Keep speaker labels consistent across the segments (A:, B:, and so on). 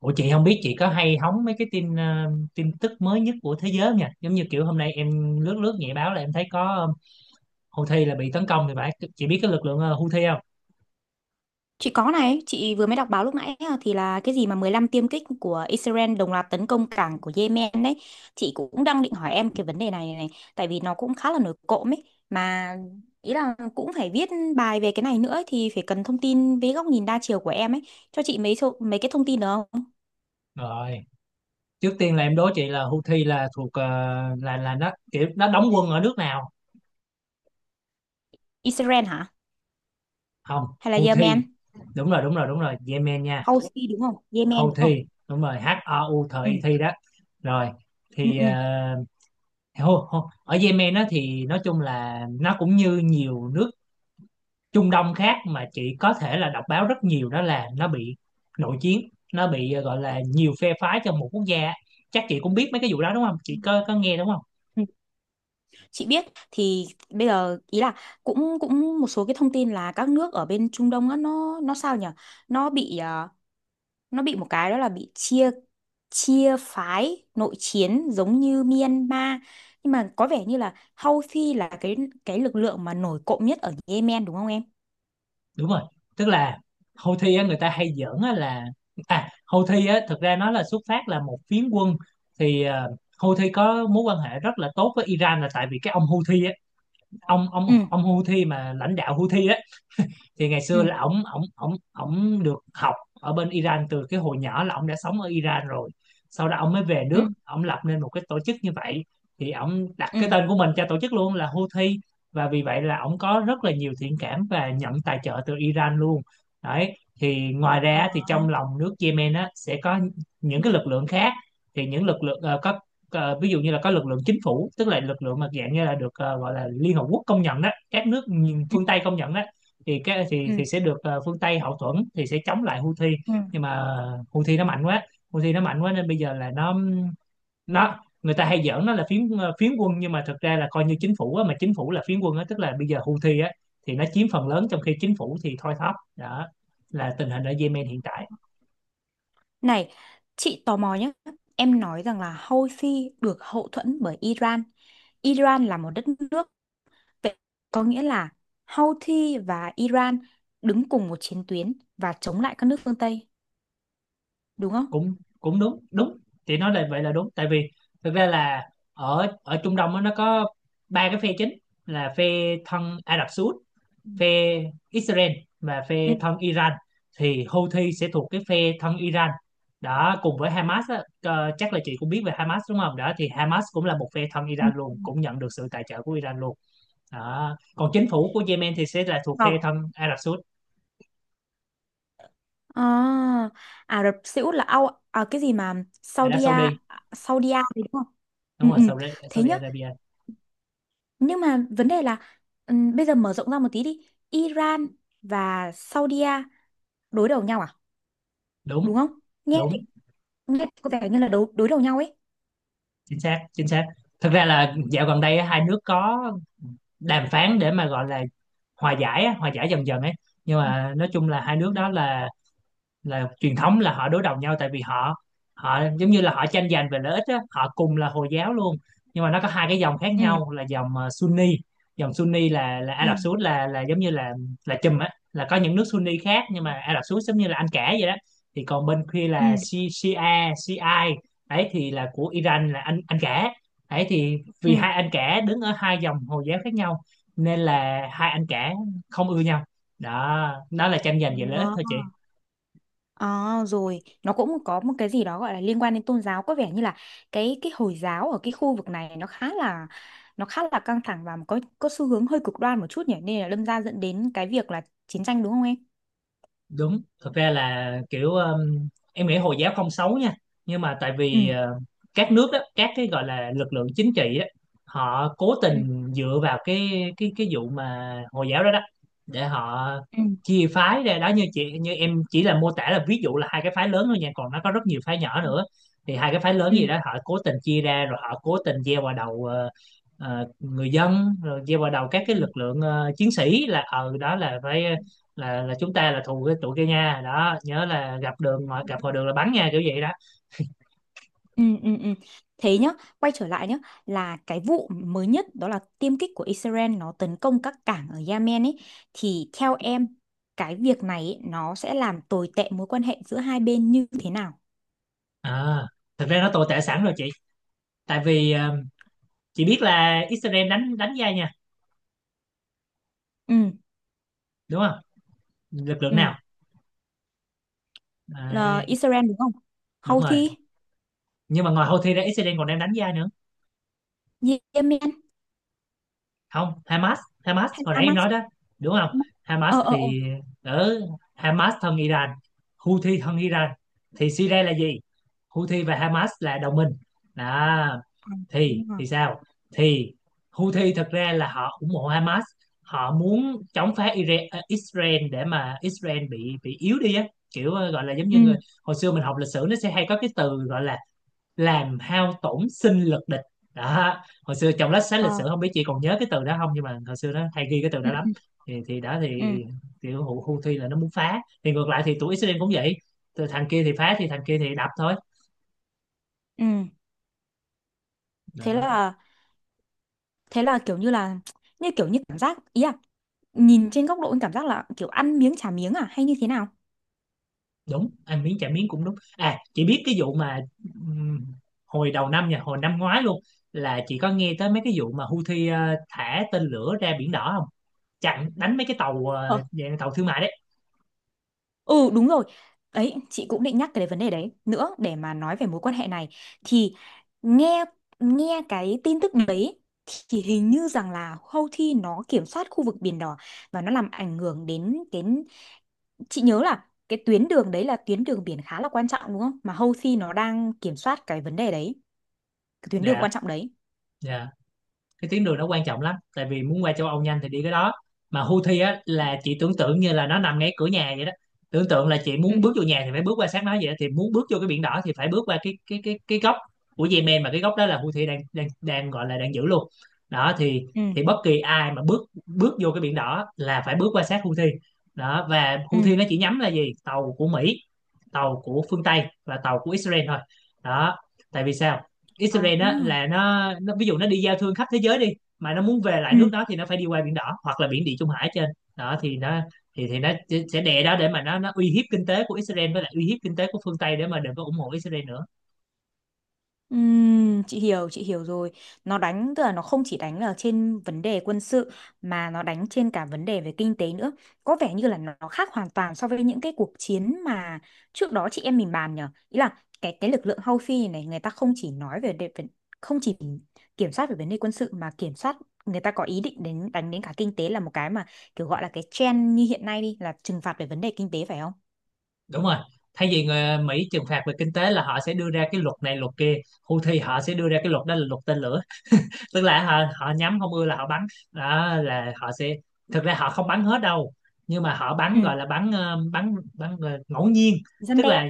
A: Ủa chị không biết chị có hay hóng mấy cái tin tin tức mới nhất của thế giới không nha? Giống như kiểu hôm nay em lướt lướt nhẹ báo là em thấy có Houthi là bị tấn công thì phải. Chị biết cái lực lượng Houthi không?
B: Chị có này, chị vừa mới đọc báo lúc nãy á, thì là cái gì mà 15 tiêm kích của Israel đồng loạt tấn công cảng của Yemen đấy. Chị cũng đang định hỏi em cái vấn đề này này, tại vì nó cũng khá là nổi cộm ấy mà ý là cũng phải viết bài về cái này nữa ấy, thì phải cần thông tin với góc nhìn đa chiều của em ấy. Cho chị mấy số, mấy cái thông tin được không?
A: Rồi, trước tiên là em đố chị là Houthi là thuộc là nó kiểu nó đóng quân ở nước nào?
B: Israel hả?
A: Không,
B: Hay là
A: Houthi.
B: Yemen?
A: Đúng rồi, đúng rồi, đúng rồi, Yemen nha.
B: Houthi đúng không? Yemen đúng không?
A: Houthi, đúng rồi, H O U T
B: Ừ.
A: I Thi đó. Rồi,
B: Ừ
A: thì
B: ừ.
A: ở Yemen á thì nói chung là nó cũng như nhiều nước Trung Đông khác mà chị có thể là đọc báo rất nhiều, đó là nó bị nội chiến, nó bị gọi là nhiều phe phái trong một quốc gia, chắc chị cũng biết mấy cái vụ đó đúng không, chị có nghe đúng không.
B: Chị biết. Thì bây giờ ý là cũng cũng một số cái thông tin là các nước ở bên Trung Đông á nó sao nhỉ, nó bị à, nó bị một cái đó là bị chia, chia phái nội chiến giống như Myanmar, nhưng mà có vẻ như là Houthi là cái lực lượng mà nổi cộm nhất ở Yemen đúng không em?
A: Đúng rồi, tức là Houthi á, người ta hay giỡn á là à Houthi á thực ra nó là xuất phát là một phiến quân, thì Houthi có mối quan hệ rất là tốt với Iran là tại vì cái ông Houthi á, ông ông
B: Ừ
A: ông Houthi mà lãnh đạo Houthi á thì ngày
B: ừ
A: xưa là ổng ổng ổng ổng được học ở bên Iran, từ cái hồi nhỏ là ổng đã sống ở Iran rồi, sau đó ổng mới về
B: ừ
A: nước ổng lập nên một cái tổ chức như vậy, thì ổng đặt
B: ừ.
A: cái tên của mình cho tổ chức luôn là Houthi, và vì vậy là ổng có rất là nhiều thiện cảm và nhận tài trợ từ Iran luôn. Đấy thì ngoài
B: Ờ,
A: ra thì trong lòng nước Yemen á sẽ có những
B: ừ
A: cái lực lượng khác, thì những lực lượng có ví dụ như là có lực lượng chính phủ, tức là lực lượng mà dạng như là được gọi là Liên Hợp Quốc công nhận đó, các nước
B: ừ
A: phương Tây công nhận đó, thì cái
B: ừ
A: thì sẽ được phương Tây hậu thuẫn, thì sẽ chống lại Houthi,
B: ừ.
A: nhưng mà Houthi nó mạnh quá, Houthi nó mạnh quá nên bây giờ là nó người ta hay giỡn nó là phiến quân, nhưng mà thực ra là coi như chính phủ á, mà chính phủ là phiến quân á, tức là bây giờ Houthi á thì nó chiếm phần lớn trong khi chính phủ thì thoi thóp, đó là tình hình ở Yemen hiện tại.
B: Này, chị tò mò nhé, em nói rằng là Houthi được hậu thuẫn bởi Iran. Iran là một đất nước. Vậy có nghĩa là Houthi và Iran đứng cùng một chiến tuyến và chống lại các nước phương Tây, đúng không?
A: Cũng cũng đúng đúng, chị nói là vậy là đúng tại vì thực ra là ở ở Trung Đông á, nó có ba cái phe chính, là phe thân Ả Rập Xê Út,
B: Ừ.
A: phe Israel và
B: Ừ.
A: phe thân Iran, thì Houthi sẽ thuộc cái phe thân Iran đó, cùng với Hamas á, chắc là chị cũng biết về Hamas đúng không, đó thì Hamas cũng là một phe thân
B: Ừ.
A: Iran luôn, cũng nhận được sự tài trợ của Iran luôn đó. Còn chính phủ của Yemen thì sẽ là thuộc phe
B: Vâng.
A: thân Ả Rập Saudi.
B: À, Ả Rập Xê Út là ao à, cái gì mà
A: Ả Rập
B: Saudi
A: Saudi
B: A- Saudi A đấy đúng không?
A: đúng
B: Ừ,
A: rồi,
B: ừ.
A: Saudi,
B: Thế
A: Saudi
B: nhá.
A: Arabia.
B: Nhưng mà vấn đề là bây giờ mở rộng ra một tí đi. Iran và Saudi A đối đầu nhau à? Đúng
A: Đúng
B: không? Nghe thì-
A: đúng,
B: nghe có vẻ như là đối đối đầu nhau ấy.
A: chính xác chính xác, thực ra là dạo gần đây á, hai nước có đàm phán để mà gọi là hòa giải á, hòa giải dần dần ấy, nhưng
B: Ừ.
A: mà nói chung là hai nước
B: Ừ.
A: đó là truyền thống là họ đối đầu nhau, tại vì họ họ giống như là họ tranh giành về lợi ích á, họ cùng là Hồi giáo luôn nhưng mà nó có hai cái dòng khác
B: Ừ,
A: nhau, là dòng Sunni, dòng Sunni là Ả
B: ừ,
A: Rập Xê Út, là giống như là chùm á, là có những nước Sunni khác nhưng mà Ả Rập Xê Út giống như là Anh cả vậy đó, thì còn bên kia là Shia, Shiite, đấy thì là của Iran, là anh cả, đấy thì vì
B: ừ,
A: hai anh cả đứng ở hai dòng Hồi giáo khác nhau nên là hai anh cả không ưa nhau, đó đó là tranh giành về lợi ích
B: ừ.
A: thôi chị.
B: À, rồi nó cũng có một cái gì đó gọi là liên quan đến tôn giáo, có vẻ như là cái Hồi giáo ở cái khu vực này nó khá là, nó khá là căng thẳng và có xu hướng hơi cực đoan một chút nhỉ, nên là đâm ra dẫn đến cái việc là chiến tranh, đúng không em?
A: Đúng, thực ra là kiểu em nghĩ Hồi giáo không xấu nha, nhưng mà tại
B: Ừ.
A: vì các nước đó, các cái gọi là lực lượng chính trị á, họ cố
B: Ừ.
A: tình dựa vào cái vụ mà Hồi giáo đó đó, để họ
B: Ừ.
A: chia phái ra đó, như chị như em chỉ là mô tả là ví dụ là hai cái phái lớn thôi nha, còn nó có rất nhiều phái nhỏ
B: Ừ.
A: nữa, thì hai cái phái lớn
B: Ừ.
A: gì đó họ cố tình chia ra, rồi họ cố tình gieo vào đầu người dân, rồi gieo vào đầu các cái
B: Ừ.
A: lực lượng chiến sĩ là ờ đó là phải là chúng ta là thù cái tụi kia nha, đó nhớ là gặp đường ngoài gặp ngoài đường là bắn nha, kiểu vậy đó.
B: Ừ. Ừ. Ừ. Thế nhá, quay trở lại nhá, là cái vụ mới nhất đó là tiêm kích của Israel nó tấn công các cảng ở Yemen ấy, thì theo em cái việc này ấy, nó sẽ làm tồi tệ mối quan hệ giữa hai bên như thế nào?
A: À, thực ra nó tồi tệ sẵn rồi chị, tại vì chị biết là Israel đánh đánh da nha,
B: Ừ.
A: đúng không, lực lượng
B: Ừ.
A: nào.
B: Là
A: Đấy,
B: Israel đúng không?
A: đúng rồi,
B: Houthi.
A: nhưng mà ngoài Houthi ra Israel còn đang đánh da nữa,
B: Yemen
A: không, Hamas, Hamas
B: hay
A: hồi nãy em
B: Hamas.
A: nói đó đúng không. Hamas
B: Ờ ờ ờ.
A: thì ở Hamas thân Iran, Houthi thân Iran, thì Syria là gì, Houthi và Hamas là đồng minh đó,
B: À, đúng rồi.
A: thì sao, thì Houthi thật ra là họ ủng hộ Hamas, họ muốn chống phá Israel để mà Israel bị yếu đi á, kiểu gọi là giống như người,
B: Ừ
A: hồi xưa mình học lịch sử nó sẽ hay có cái từ gọi là làm hao tổn sinh lực địch đó, hồi xưa trong lớp sách lịch
B: ờ
A: sử không biết chị còn nhớ cái từ đó không nhưng mà hồi xưa nó hay ghi cái từ
B: ừ
A: đó lắm,
B: ừ
A: thì đó thì
B: ừ
A: kiểu Houthi là nó muốn phá thì ngược lại thì tụi Israel cũng vậy, từ thằng kia thì phá thì thằng kia thì đập thôi
B: ừ. Thế
A: đó.
B: là, thế là kiểu như là, như kiểu như cảm giác ý à, nhìn trên góc độ anh cảm giác là kiểu ăn miếng trả miếng à hay như thế nào?
A: Đúng, ăn miếng trả miếng cũng đúng, à chị biết cái vụ mà ừm, hồi đầu năm nha, hồi năm ngoái luôn là chị có nghe tới mấy cái vụ mà Houthi thả tên lửa ra biển đỏ không, chặn đánh mấy cái tàu dạng tàu thương mại đấy.
B: Ừ đúng rồi. Đấy, chị cũng định nhắc cái vấn đề đấy nữa để mà nói về mối quan hệ này, thì nghe, nghe cái tin tức đấy thì hình như rằng là Houthi nó kiểm soát khu vực Biển Đỏ và nó làm ảnh hưởng đến cái, chị nhớ là cái tuyến đường đấy là tuyến đường biển khá là quan trọng đúng không? Mà Houthi nó đang kiểm soát cái vấn đề đấy, cái tuyến đường
A: Dạ,
B: quan trọng đấy.
A: dạ, cái tuyến đường nó quan trọng lắm, tại vì muốn qua châu Âu nhanh thì đi cái đó, mà Houthi á là chị tưởng tượng như là nó nằm ngay cửa nhà vậy đó, tưởng tượng là chị
B: Ừ.
A: muốn bước vô nhà thì phải bước qua sát nó vậy đó. Thì muốn bước vô cái biển đỏ thì phải bước qua cái góc của Yemen, mà cái góc đó là Houthi đang đang đang gọi là đang giữ luôn đó,
B: Ừ.
A: thì bất kỳ ai mà bước bước vô cái biển đỏ là phải bước qua sát Houthi đó, và
B: Ừ.
A: Houthi nó chỉ nhắm là gì, tàu của Mỹ, tàu của phương Tây và tàu của Israel thôi đó. Tại vì sao,
B: À.
A: Israel á là nó ví dụ nó đi giao thương khắp thế giới đi, mà nó muốn về lại
B: Ừ.
A: nước nó thì nó phải đi qua biển đỏ hoặc là biển Địa Trung Hải trên đó, thì nó thì sẽ đè đó để mà nó uy hiếp kinh tế của Israel với lại uy hiếp kinh tế của phương Tây, để mà đừng có ủng hộ Israel nữa.
B: Chị hiểu, chị hiểu rồi. Nó đánh tức là nó không chỉ đánh ở trên vấn đề quân sự mà nó đánh trên cả vấn đề về kinh tế nữa, có vẻ như là nó khác hoàn toàn so với những cái cuộc chiến mà trước đó chị em mình bàn nhở, ý là cái lực lượng Houthi này người ta không chỉ nói về đề, về- không chỉ kiểm soát về vấn đề quân sự mà kiểm soát, người ta có ý định đến đánh đến cả kinh tế, là một cái mà kiểu gọi là cái trend như hiện nay đi, là trừng phạt về vấn đề kinh tế phải không?
A: Đúng rồi, thay vì người Mỹ trừng phạt về kinh tế là họ sẽ đưa ra cái luật này luật kia, Houthi họ sẽ đưa ra cái luật đó là luật tên lửa, tức là họ nhắm không ưa là họ bắn, đó là họ sẽ, thực ra họ không bắn hết đâu nhưng mà họ bắn
B: Ừ.
A: gọi là bắn ờ, bắn bắn ờ, ngẫu nhiên,
B: Răn
A: tức
B: đe.
A: là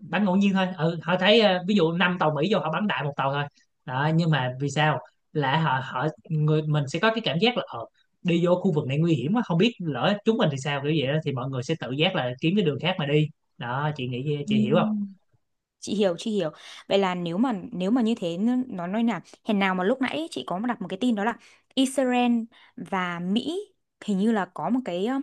A: bắn ngẫu nhiên thôi, ừ, họ thấy ví
B: Ừ.
A: dụ năm tàu Mỹ vô họ bắn đại một tàu thôi đó, nhưng mà vì sao, là họ họ người mình sẽ có cái cảm giác là đi vô khu vực này nguy hiểm quá, không biết lỡ chúng mình thì sao, kiểu vậy đó thì mọi người sẽ tự giác là kiếm cái đường khác mà đi đó, chị nghĩ
B: Ừ.
A: chị hiểu không.
B: Chị hiểu, chị hiểu. Vậy là nếu mà như thế nó nói là hèn nào mà lúc nãy chị có đặt một cái tin đó là Israel và Mỹ hình như là có một cái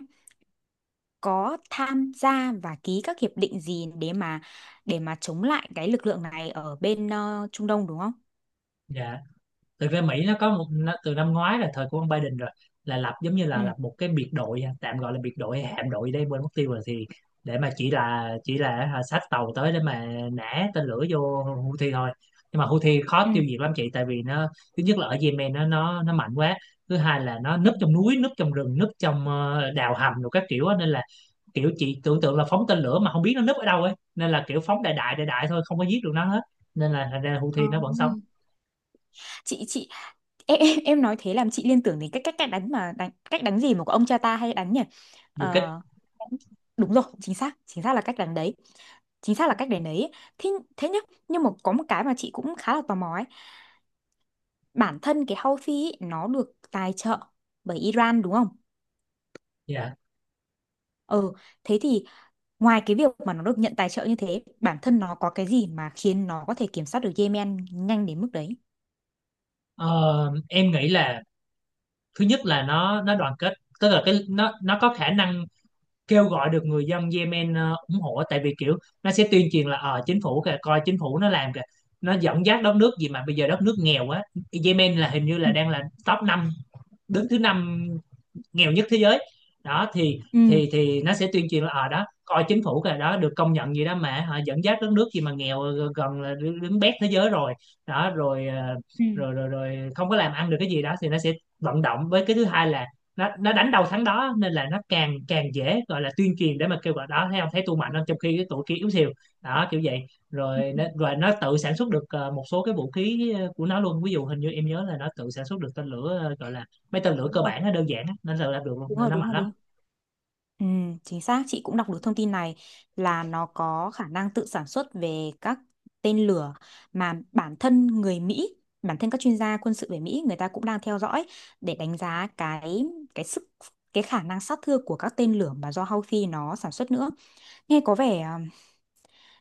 B: có tham gia và ký các hiệp định gì để mà, để mà chống lại cái lực lượng này ở bên Trung Đông đúng không?
A: Dạ, thực ra Mỹ nó có một từ năm ngoái là thời của ông Biden rồi, là lập giống như
B: Ừ
A: là lập một cái biệt đội, à tạm gọi là biệt đội hay hạm đội đây quên mất tiêu rồi, thì để mà chỉ là à xách tàu tới để mà nã tên lửa vô Houthi thôi, nhưng mà Houthi khó
B: ừ
A: tiêu diệt lắm chị, tại vì nó, thứ nhất là ở Yemen nó nó mạnh quá, thứ hai là nó
B: ừ.
A: núp trong núi, núp trong rừng, núp trong đào hầm rồi các kiểu á. Nên là kiểu chị tưởng tượng là phóng tên lửa mà không biết nó núp ở đâu ấy, nên là kiểu phóng đại đại đại đại thôi, không có giết được nó hết, nên là thành ra
B: Ờ.
A: Houthi nó vẫn sống
B: Chị em nói thế làm chị liên tưởng đến cách cách cách đánh mà đánh cách đánh gì mà của ông cha ta hay đánh nhỉ?
A: du kích.
B: Ờ, đúng rồi chính xác, chính xác là cách đánh đấy, chính xác là cách để nấy. Thế, thế nhá, nhưng mà có một cái mà chị cũng khá là tò mò ấy, bản thân cái houthi ấy, nó được tài trợ bởi Iran đúng không?
A: Dạ.
B: Ừ. Thế thì ngoài cái việc mà nó được nhận tài trợ như thế, bản thân nó có cái gì mà khiến nó có thể kiểm soát được Yemen nhanh đến mức đấy?
A: Ờ, em nghĩ là thứ nhất là nó đoàn kết, tức là cái nó có khả năng kêu gọi được người dân Yemen ủng hộ, tại vì kiểu nó sẽ tuyên truyền là ờ chính phủ kìa, coi chính phủ nó làm kìa, nó dẫn dắt đất nước gì mà bây giờ đất nước nghèo quá, Yemen là hình như là
B: Ừ.
A: đang là top 5, đứng thứ năm nghèo nhất thế giới đó,
B: Ừ,
A: thì nó sẽ tuyên truyền là ở đó coi chính phủ kìa đó được công nhận gì đó mà hả, dẫn dắt đất nước gì mà nghèo gần là đứng đứng bét thế giới rồi đó, rồi
B: Ừ.
A: rồi không có làm ăn được cái gì đó, thì nó sẽ vận động, với cái thứ hai là nó đánh đầu thắng đó, nên là nó càng càng dễ gọi là tuyên truyền để mà kêu gọi đó, thấy không, thấy tôi mạnh không, trong khi cái tụi kia yếu xìu đó, kiểu vậy,
B: Ừ.
A: rồi rồi nó tự sản xuất được một số cái vũ khí của nó luôn, ví dụ hình như em nhớ là nó tự sản xuất được tên lửa gọi là mấy tên lửa
B: Đúng
A: cơ
B: rồi,
A: bản nó đơn giản á, nên là làm được luôn,
B: đúng
A: nên
B: rồi,
A: nó
B: đúng
A: mạnh
B: rồi,
A: lắm.
B: đúng rồi. Ừ, chính xác, chị cũng đọc được thông tin này là nó có khả năng tự sản xuất về các tên lửa, mà bản thân người Mỹ, bản thân các chuyên gia quân sự về Mỹ người ta cũng đang theo dõi để đánh giá cái sức, cái khả năng sát thương của các tên lửa mà do Houthi nó sản xuất nữa. Nghe có vẻ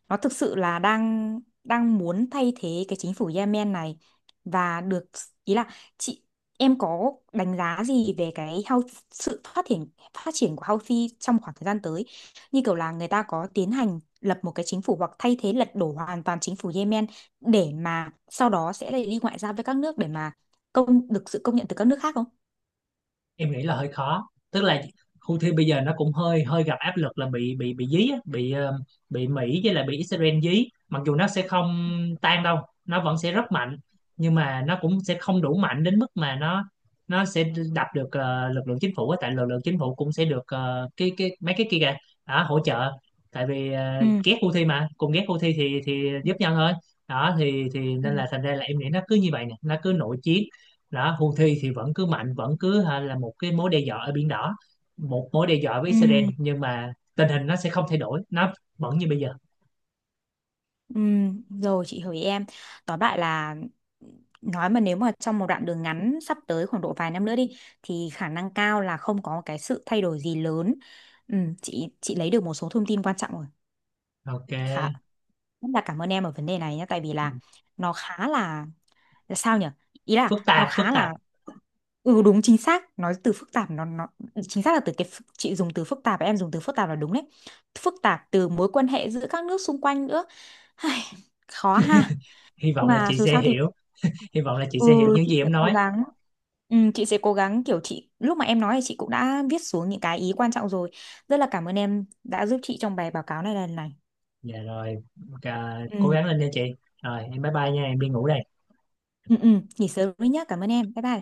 B: nó thực sự là đang đang muốn thay thế cái chính phủ Yemen này và được, ý là chị, em có đánh giá gì về cái health, sự phát triển, phát triển của Houthi trong khoảng thời gian tới, như kiểu là người ta có tiến hành lập một cái chính phủ hoặc thay thế lật đổ hoàn toàn chính phủ Yemen để mà sau đó sẽ lại đi ngoại giao với các nước để mà công được sự công nhận từ các nước khác không?
A: Em nghĩ là hơi khó, tức là Houthi bây giờ nó cũng hơi hơi gặp áp lực là bị dí á, bị bị Mỹ với lại bị Israel dí, mặc dù nó sẽ không tan đâu, nó vẫn sẽ rất mạnh, nhưng mà nó cũng sẽ không đủ mạnh đến mức mà nó sẽ đập được lực lượng chính phủ á, tại lực lượng chính phủ cũng sẽ được cái mấy cái kia kìa đó, hỗ trợ, tại vì
B: Ừ.
A: ghét Houthi mà cùng ghét Houthi thì giúp nhau thôi đó, thì
B: Ừ.
A: nên là thành ra là em nghĩ nó cứ như vậy nè, nó cứ nội chiến đó, Houthi thì vẫn cứ mạnh, vẫn cứ hả, là một cái mối đe dọa ở biển đỏ, một mối đe dọa với Israel,
B: Ừ.
A: nhưng mà tình hình nó sẽ không thay đổi, nó vẫn như bây giờ.
B: Rồi chị hỏi em. Tóm lại là, nói mà nếu mà trong một đoạn đường ngắn sắp tới khoảng độ vài năm nữa đi thì khả năng cao là không có cái sự thay đổi gì lớn. Chị lấy được một số thông tin quan trọng rồi.
A: OK.
B: Khá, rất là cảm ơn em ở vấn đề này nhé, tại vì là nó khá là sao nhỉ? Ý
A: Phức
B: là nó
A: tạp phức
B: khá
A: tạp,
B: là, ừ đúng chính xác, nói từ phức tạp nó chính xác là từ cái phức- chị dùng từ phức tạp và em dùng từ phức tạp là đúng đấy. Phức tạp từ mối quan hệ giữa các nước xung quanh nữa. Ai, khó ha,
A: hy
B: nhưng
A: vọng là
B: mà
A: chị
B: dù
A: sẽ
B: sao thì
A: hiểu, hy vọng là chị sẽ hiểu
B: ừ,
A: những gì
B: chị sẽ
A: em
B: cố
A: nói.
B: gắng, ừ, chị sẽ cố gắng kiểu chị lúc mà em nói thì chị cũng đã viết xuống những cái ý quan trọng rồi, rất là cảm ơn em đã giúp chị trong bài báo cáo này lần này.
A: Dạ rồi, à, cố
B: Ừ,
A: gắng lên nha chị, rồi em bye bye nha, em đi ngủ đây.
B: ừ, ừ. Nghỉ sớm đi nhá, cảm ơn em, bye bye.